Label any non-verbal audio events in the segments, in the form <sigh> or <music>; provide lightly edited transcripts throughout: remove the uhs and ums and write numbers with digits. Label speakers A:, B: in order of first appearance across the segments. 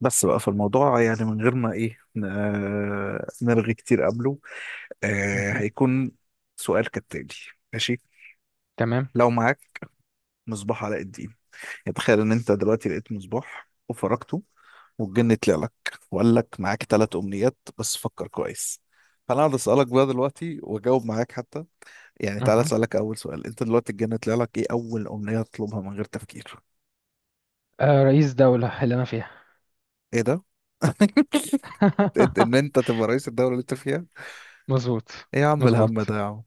A: بس بقى في الموضوع، يعني، من غير ما ايه نرغي كتير قبله.
B: مهم.
A: هيكون سؤال كالتالي. ماشي.
B: تمام.
A: لو معاك مصباح علاء الدين، تخيل ان انت دلوقتي لقيت مصباح وفركته، والجن طلع لك وقال لك معاك ثلاث امنيات، بس فكر كويس. فانا هقعد اسالك بقى دلوقتي واجاوب معاك حتى، يعني تعالى
B: أها.
A: اسالك اول سؤال. انت دلوقتي الجن طلع لك، ايه اول امنية تطلبها من غير تفكير؟
B: رئيس دولة اللي أنا فيها.
A: ايه ده؟ <laughs> ان
B: <laughs>
A: انت تبقى رئيس الدولة اللي انت فيها؟
B: مظبوط،
A: ايه يا عم
B: مظبوط.
A: الهم ده يا عم.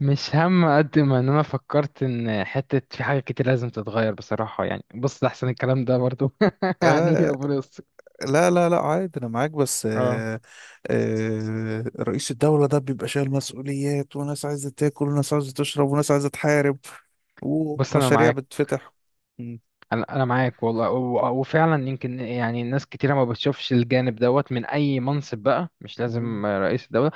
B: مش هم قد ما إن أنا فكرت إن حتة في حاجات كتير لازم تتغير بصراحة، يعني بص أحسن الكلام ده برضو. <laughs> يعني
A: آه،
B: ربنا يستر.
A: لا لا لا، عادي، انا معاك، بس
B: اه،
A: رئيس الدولة ده بيبقى شايل مسؤوليات، وناس عايزة تاكل وناس عايزة تشرب وناس عايزة تحارب
B: بص أنا
A: ومشاريع
B: معاك.
A: بتفتح. م-
B: أنا معاك والله، و- وفعلا يمكن، يعني ناس كتيرة ما بتشوفش الجانب دوت من أي منصب بقى، مش
A: م-
B: لازم رئيس دولة.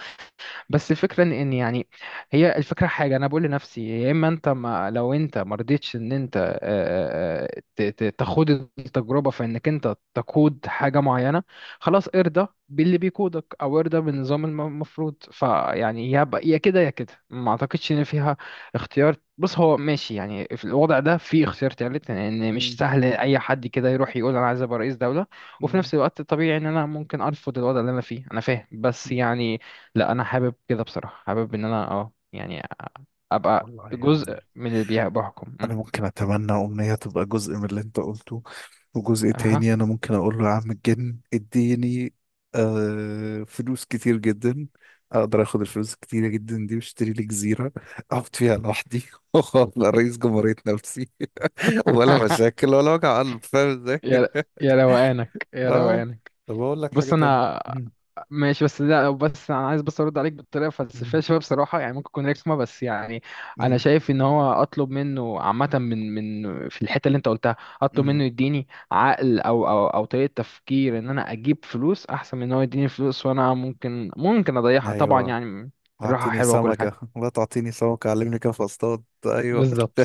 B: بس الفكرة إن يعني، هي الفكرة حاجة انا بقول لنفسي، يا اما انت، ما لو انت ما رضيتش ان انت تخوض التجربة في انك انت تقود حاجة معينة، خلاص ارضى باللي بيقودك او ارضى بالنظام المفروض، فيعني يا كده يا كده، ما اعتقدش ان فيها اختيار. بص هو ماشي، يعني في الوضع ده في اختيار تالت، لان مش
A: م-
B: سهل اي حد كده يروح يقول انا عايز ابقى رئيس دولة، وفي
A: م-
B: نفس الوقت طبيعي ان انا ممكن ارفض الوضع اللي انا فيه. انا فاهم، بس يعني، لا انا حابب كده بصراحه، حابب ان انا يعني ابقى
A: والله
B: جزء
A: يعني
B: من اللي بحكم.
A: انا ممكن اتمنى امنية تبقى جزء من اللي انت قلته، وجزء
B: اها.
A: تاني انا ممكن اقول له: يا عم الجن اديني فلوس كتير جدا. اقدر اخد الفلوس الكتيرة جدا دي واشتري لي جزيرة اقعد فيها لوحدي، <laughs> وابقى رئيس جمهورية نفسي، ولا <laughs>
B: <laughs>
A: مشاكل ولا وجع قلب. فاهم ازاي؟
B: يا يا روقانك، يا
A: اه.
B: روقانك.
A: طب اقول لك حاجة
B: بص
A: تانية.
B: انا
A: مم.
B: ماشي، بس لا، بس انا عايز بس ارد عليك بطريقه فلسفيه
A: مم.
B: شويه بصراحه، يعني ممكن تكون رخمه بس يعني، انا
A: مم.
B: شايف ان هو اطلب منه عامه، من في الحته اللي انت قلتها، اطلب
A: مم.
B: منه يديني عقل او طريقه تفكير، ان انا اجيب فلوس احسن من ان هو يديني فلوس وانا ممكن اضيعها طبعا،
A: ايوه،
B: يعني الراحه
A: اعطيني
B: حلوه وكل
A: سمكة،
B: حاجه.
A: لا تعطيني سمكة علمني كيف اصطاد. ايوه.
B: بالظبط،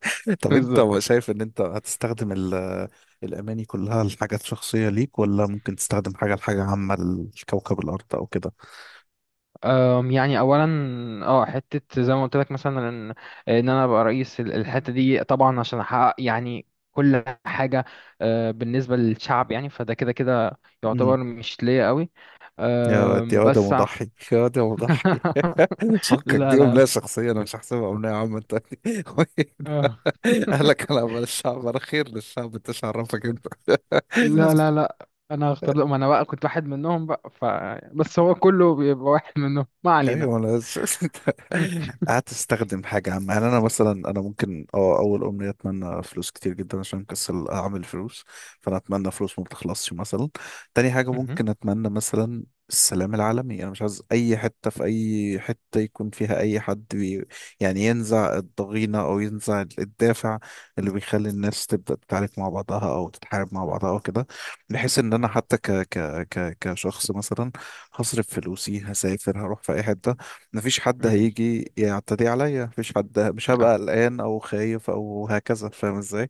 A: <laughs> طب انت
B: بالظبط.
A: شايف ان انت هتستخدم الاماني كلها لحاجات شخصية ليك، ولا ممكن تستخدم حاجة لحاجة عامة لكوكب الارض او كده؟
B: يعني اولا، اه حته زي ما قلت لك مثلا، ان إن انا ابقى رئيس الحته دي طبعا عشان احقق يعني كل حاجه، بالنسبه للشعب، يعني فده كده كده
A: مم.
B: يعتبر مش ليا قوي.
A: يا واد يا واد يا
B: بس
A: مضحي، يا واد يا مضحي.
B: <laughs>
A: <laughs> فكك،
B: لا،
A: دي
B: لا،
A: أمنية
B: لا.
A: شخصية أنا مش هحسبها أمنية عامة <laughs> تاني.
B: آه.
A: <laughs> أهلا، كلام الشعب الأخير للشعب، أنت شعرفك أنت.
B: لا، لا،
A: <laughs>
B: لا، انا هختار لقمة، انا بقى كنت واحد منهم بقى، بس هو كله بيبقى واحد منهم، ما علينا.
A: ايوه، <laughs>
B: <laughs>
A: قعدت استخدم حاجه عامه. يعني انا مثلا انا ممكن اول امنيه اتمنى فلوس كتير جدا، عشان كسل اعمل فلوس، فانا اتمنى فلوس ما بتخلصش مثلا. تاني حاجه
B: مهم.
A: ممكن اتمنى مثلا السلام العالمي. انا مش عايز اي حته في اي حته يكون فيها اي حد بي، يعني ينزع الضغينه او ينزع الدافع اللي بيخلي الناس تبدا تتعارك مع بعضها او تتحارب مع بعضها او كده، بحيث ان انا حتى ك ك ك كشخص مثلا هصرف فلوسي، هسافر هروح في اي حته، مفيش حد
B: مهم.
A: هيجي يعتدي عليا، مفيش حد، مش هبقى
B: آه.
A: قلقان او خايف او هكذا. فاهم ازاي؟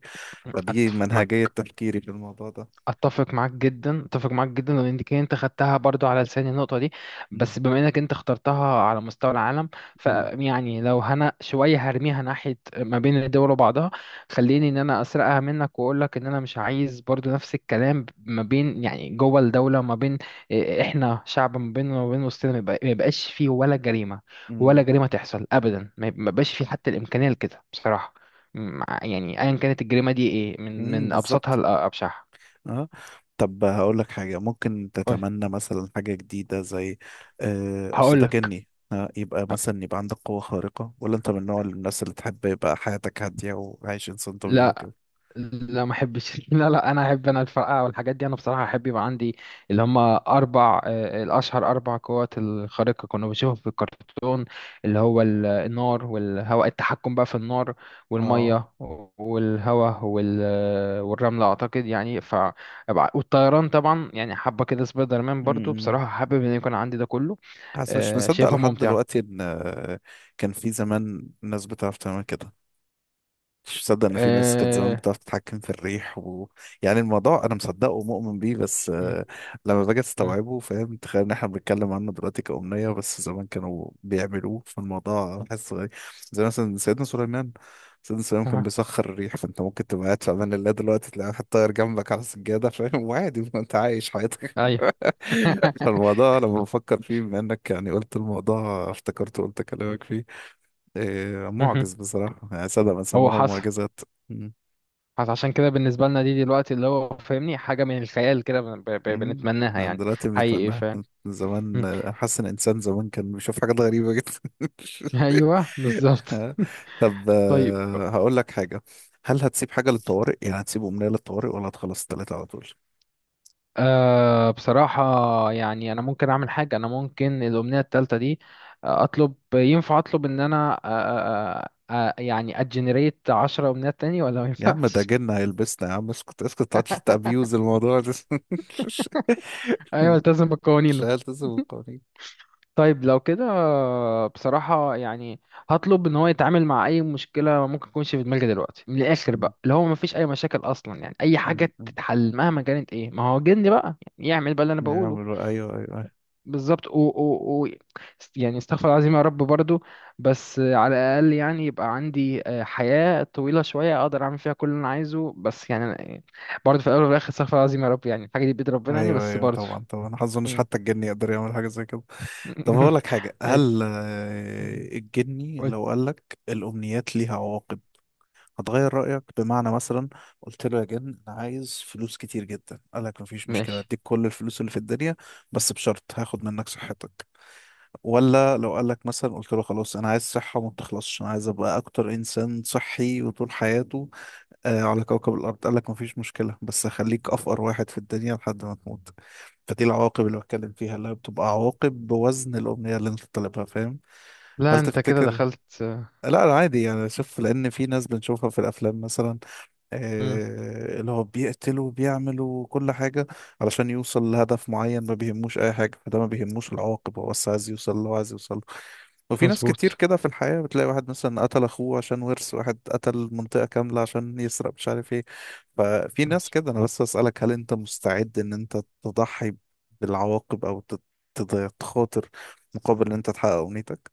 A: فدي
B: أتفق
A: منهجيه
B: معاك،
A: تفكيري في الموضوع ده.
B: اتفق معاك جدا، اتفق معاك جدا، لان دي كده انت خدتها برضو على لساني النقطه دي،
A: مم.
B: بس بما انك انت اخترتها على مستوى العالم،
A: مم.
B: فيعني لو هنا شويه هرميها ناحيه ما بين الدول وبعضها. خليني ان انا اسرقها منك واقول لك ان انا مش عايز برضو نفس الكلام ما بين يعني جوه الدوله، ما بين، احنا شعب، ما بين وما بين وسطنا ما يبقاش فيه ولا جريمه، ولا
A: مم.
B: جريمه تحصل ابدا، ما يبقاش فيه حتى الامكانيه لكده بصراحه، يعني ايا كانت الجريمه دي ايه، من
A: مم.
B: من ابسطها
A: بالظبط.
B: لابشعها.
A: اه، طب هقول لك حاجه ممكن تتمنى مثلا حاجه جديده. زي اصل
B: هقول
A: ده
B: لك
A: جني، يبقى مثلا يبقى عندك قوه خارقه، ولا انت من نوع الناس اللي تحب يبقى حياتك هاديه وعايش انسان طبيعي
B: لا،
A: وكده؟
B: لا ما احبش. <laughs> لا، لا، انا احب، انا الفرقعه والحاجات دي انا بصراحه احب يبقى عندي اللي هم اربع، الاشهر، اربع قوات الخارقه كنا بنشوفهم في الكرتون، اللي هو النار والهواء، التحكم بقى في النار
A: اه.
B: والميه والهواء والرمله اعتقد، يعني والطيران طبعا، يعني حبه كده سبايدر مان، برضو
A: مم.
B: بصراحه حابب ان يكون عندي ده كله.
A: حاسس مش مصدق
B: شايفها
A: لحد
B: ممتعه.
A: دلوقتي ان كان في زمان ناس بتعرف تعمل كده. مش مصدق ان في ناس كانت زمان
B: آه،
A: بتعرف تتحكم في الريح و... يعني الموضوع انا مصدقه ومؤمن بيه، بس
B: م-
A: لما باجي
B: م-
A: استوعبه فاهم، تخيل ان احنا بنتكلم عنه دلوقتي كأمنية، بس زمان كانوا بيعملوه، فالموضوع بحس غريب. زي مثلا سيدنا سليمان كان
B: أها.
A: بيسخر الريح، فانت ممكن تبقى قاعد في امان الله دلوقتي تلاقي واحد طاير جنبك على السجادة، فاهم؟ <laughs> وعادي، انت عايش حياتك.
B: ايوه. <laughs>
A: الموضوع لما بفكر فيه، بما انك يعني قلت الموضوع افتكرته قلت كلامك فيه، إيه
B: مهم.
A: معجز بصراحة. يعني صدق من
B: هو
A: سماهم
B: حصل،
A: معجزات. مم.
B: بس عشان كده بالنسبة لنا دي دلوقتي، اللي هو فاهمني حاجة من الخيال كده
A: مم.
B: بنتمناها
A: احنا
B: يعني
A: دلوقتي
B: حقيقي،
A: بنتمناها. زمان،
B: <laughs>
A: حاسس ان الانسان زمان كان بيشوف حاجات غريبة جدا. <laughs>
B: ايوه بالظبط.
A: آه،
B: <laughs>
A: طب
B: طيب.
A: هقول لك حاجة. هل هتسيب حاجة للطوارئ؟ يعني هتسيب أمنية للطوارئ ولا هتخلص التلاتة على طول؟
B: بصراحة يعني، أنا ممكن أعمل حاجة، أنا ممكن الأمنية التالتة دي، آه، أطلب ينفع أطلب إن أنا، يعني أجنريت 10 أمنيات تاني ولا ما
A: يا عم ده
B: ينفعش؟
A: جنة هيلبسنا يا عم، اسكت اسكت متقعدش تأبيوز الموضوع ده.
B: <laughs> أيوة،
A: <laughs>
B: ألتزم بالقوانين.
A: لا، التزم بالقوانين.
B: طيب لو كده بصراحة يعني، هطلب ان هو يتعامل مع اي مشكلة ممكن تكونش في دماغي دلوقتي، من الاخر بقى، اللي هو مفيش اي مشاكل اصلا، يعني اي
A: م-
B: حاجة
A: م.
B: تتحل مهما كانت ايه، ما هو جن بقى يعني، يعمل بقى اللي انا بقوله.
A: يعملوا، ايوه ايوه ايوه.
B: بالظبط، و يعني استغفر الله العظيم يا رب برضو، بس على الاقل يعني يبقى عندي حياة طويلة شوية اقدر اعمل فيها كل اللي انا عايزه، بس يعني أنا- برضو في الاول وفي الاخر استغفر الله العظيم يا رب، يعني الحاجة دي بيد ربنا يعني،
A: ايوه
B: بس
A: ايوه
B: برضو.
A: طبعا طبعا، ما اظنش
B: مم.
A: حتى الجني يقدر يعمل حاجه زي كده. طب اقول
B: <laughs>
A: لك حاجه،
B: اي،
A: هل الجني
B: قول،
A: لو قال لك الامنيات ليها عواقب، هتغير رايك؟ بمعنى مثلا قلت له: يا جن انا عايز فلوس كتير جدا، قال لك مفيش مشكله
B: ماشي.
A: اديك كل الفلوس اللي في الدنيا، بس بشرط هاخد منك صحتك. ولا لو قال لك مثلا، قلت له خلاص انا عايز صحه ما تخلصش، انا عايز ابقى اكتر انسان صحي وطول حياته على كوكب الأرض، قال لك مفيش مشكلة بس خليك أفقر واحد في الدنيا لحد ما تموت. فدي العواقب اللي بتكلم فيها، اللي هي بتبقى عواقب بوزن الأمنية اللي أنت طالبها. فاهم؟ هل
B: لا، انت كده
A: تفتكر؟
B: دخلت.
A: لا لا، عادي يعني. شوف، لأن في ناس بنشوفها في الأفلام مثلا،
B: مم.
A: آه اللي هو بيقتلوا وبيعملوا كل حاجة علشان يوصل لهدف معين، ما بيهموش أي حاجة. فده ما بيهموش العواقب، هو بس عايز يوصل اللي هو عايز يوصل. وفي ناس كتير
B: مظبوط.
A: كده في الحياة، بتلاقي واحد مثلا قتل أخوه عشان ورث، واحد قتل منطقة كاملة عشان يسرق، مش عارف ايه. ففي ناس كده. أنا بس أسألك، هل أنت مستعد إن أنت تضحي بالعواقب، أو تخاطر مقابل إن أنت تحقق أمنيتك؟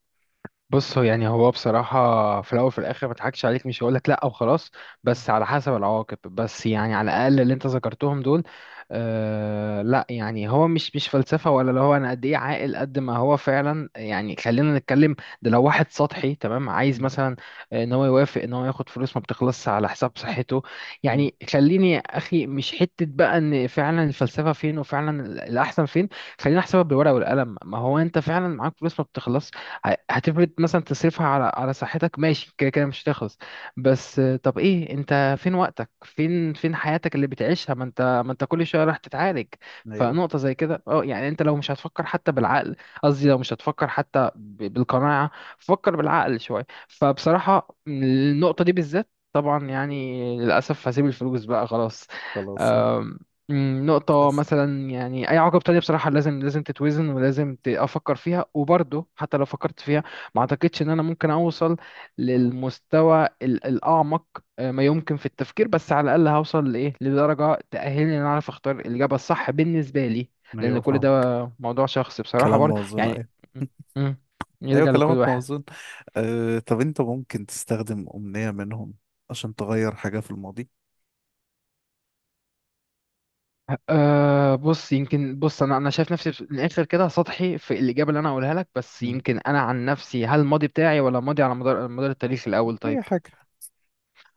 B: بص هو يعني، هو بصراحة في الأول وفي الآخر ما اضحكش عليك، مش هقولك لأ وخلاص،
A: مم.
B: بس على حسب العواقب، بس يعني على الأقل اللي أنت ذكرتهم دول، لأ، يعني هو مش فلسفة، ولا اللي هو أنا قد إيه عاقل، قد ما هو فعلا، يعني خلينا نتكلم، ده لو واحد سطحي تمام عايز
A: مم.
B: مثلا إن هو يوافق إن هو ياخد فلوس ما بتخلصش على حساب صحته،
A: مم.
B: يعني خليني يا أخي، مش حتة بقى إن فعلا الفلسفة فين، وفعلا الأحسن فين، خلينا أحسبها بالورقة والقلم. ما هو أنت فعلا معاك فلوس ما بتخلصش، هتفرض مثلا تصرفها على صحتك، ماشي، كده كده مش هتخلص، بس طب ايه انت؟ فين وقتك؟ فين حياتك اللي بتعيشها؟ ما انت كل شويه راح تتعالج.
A: أيوه،
B: فنقطه زي كده يعني، انت لو مش هتفكر حتى بالعقل، قصدي لو مش هتفكر حتى بالقناعه، فكر بالعقل شويه، فبصراحه النقطه دي بالذات طبعا يعني، للاسف هسيب الفلوس بقى خلاص.
A: خلاص صح.
B: نقطة
A: تحس.
B: مثلا، يعني أي عقبة تانية بصراحة لازم تتوزن، ولازم أفكر فيها، وبرضه حتى لو فكرت فيها ما أعتقدش إن أنا ممكن أوصل للمستوى الأعمق، ما يمكن في التفكير، بس على الأقل هوصل لإيه؟ لدرجة تأهلني إن أنا أعرف أختار الإجابة الصح بالنسبة لي، لأن
A: أيوه
B: كل ده
A: فاهمك.
B: موضوع شخصي بصراحة
A: كلام
B: برضه
A: موزون.
B: يعني.
A: أيوه
B: مم، مم،
A: أيوه،
B: يرجع لكل
A: كلامك
B: واحد.
A: موزون. أه، طب أنت ممكن تستخدم أمنية منهم عشان تغير حاجة في الماضي؟
B: بص يمكن، بص انا شايف نفسي في الاخر كده سطحي في الاجابه اللي انا هقولها لك، بس
A: مم.
B: يمكن انا عن نفسي، هل الماضي بتاعي ولا الماضي على مدار التاريخ؟ الاول طيب،
A: أي حاجة.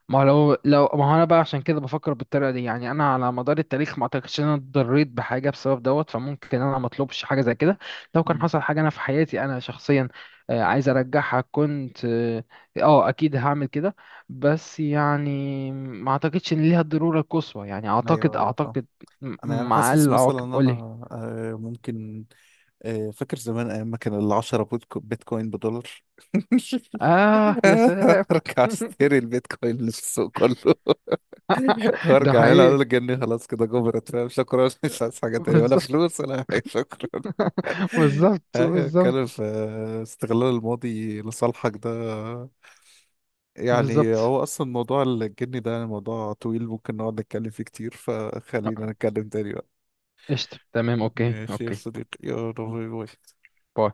B: ما هو لو ما هو، انا بقى عشان كده بفكر بالطريقه دي، يعني انا على مدار التاريخ ما اعتقدش ان انا اتضريت بحاجه بسبب دوت، فممكن انا ما اطلبش حاجه زي كده. لو كان
A: مم.
B: حصل حاجه انا في حياتي انا شخصيا عايز ارجعها، كنت اكيد هعمل كده، بس يعني ما اعتقدش ان ليها الضروره القصوى، يعني اعتقد
A: أيوه أيوه فاهم.
B: اعتقد م-
A: انا يعني
B: مع اقل
A: حاسس مثلا
B: العواقب،
A: ان انا
B: قولي.
A: ممكن فاكر زمان ايام ما كان العشرة بيتكوين بدولار. <laughs>
B: اه، يا سلام.
A: ارجع اشتري
B: <laughs>
A: البيتكوين اللي في السوق كله. <laughs>
B: ده
A: وارجع هنا
B: حقيقي.
A: اقول الجنيه: خلاص كده جبرت، فاهم؟ شكرا، <laughs> مش عايز حاجة تانية ولا
B: بالظبط.
A: فلوس ولا حاجة، شكرا. <laughs>
B: <laughs> بالظبط،
A: ايوه، اتكلم
B: بالظبط،
A: في استغلال الماضي لصالحك ده. يعني
B: بالظبط.
A: هو اصلا موضوع الجني ده يعني موضوع طويل، ممكن نقعد نتكلم فيه كتير، فخلينا
B: آه،
A: نتكلم تاني بقى.
B: قشطة، تمام، اوكي،
A: ماشي يا
B: اوكي.
A: صديقي، يلا باي باي.
B: باي.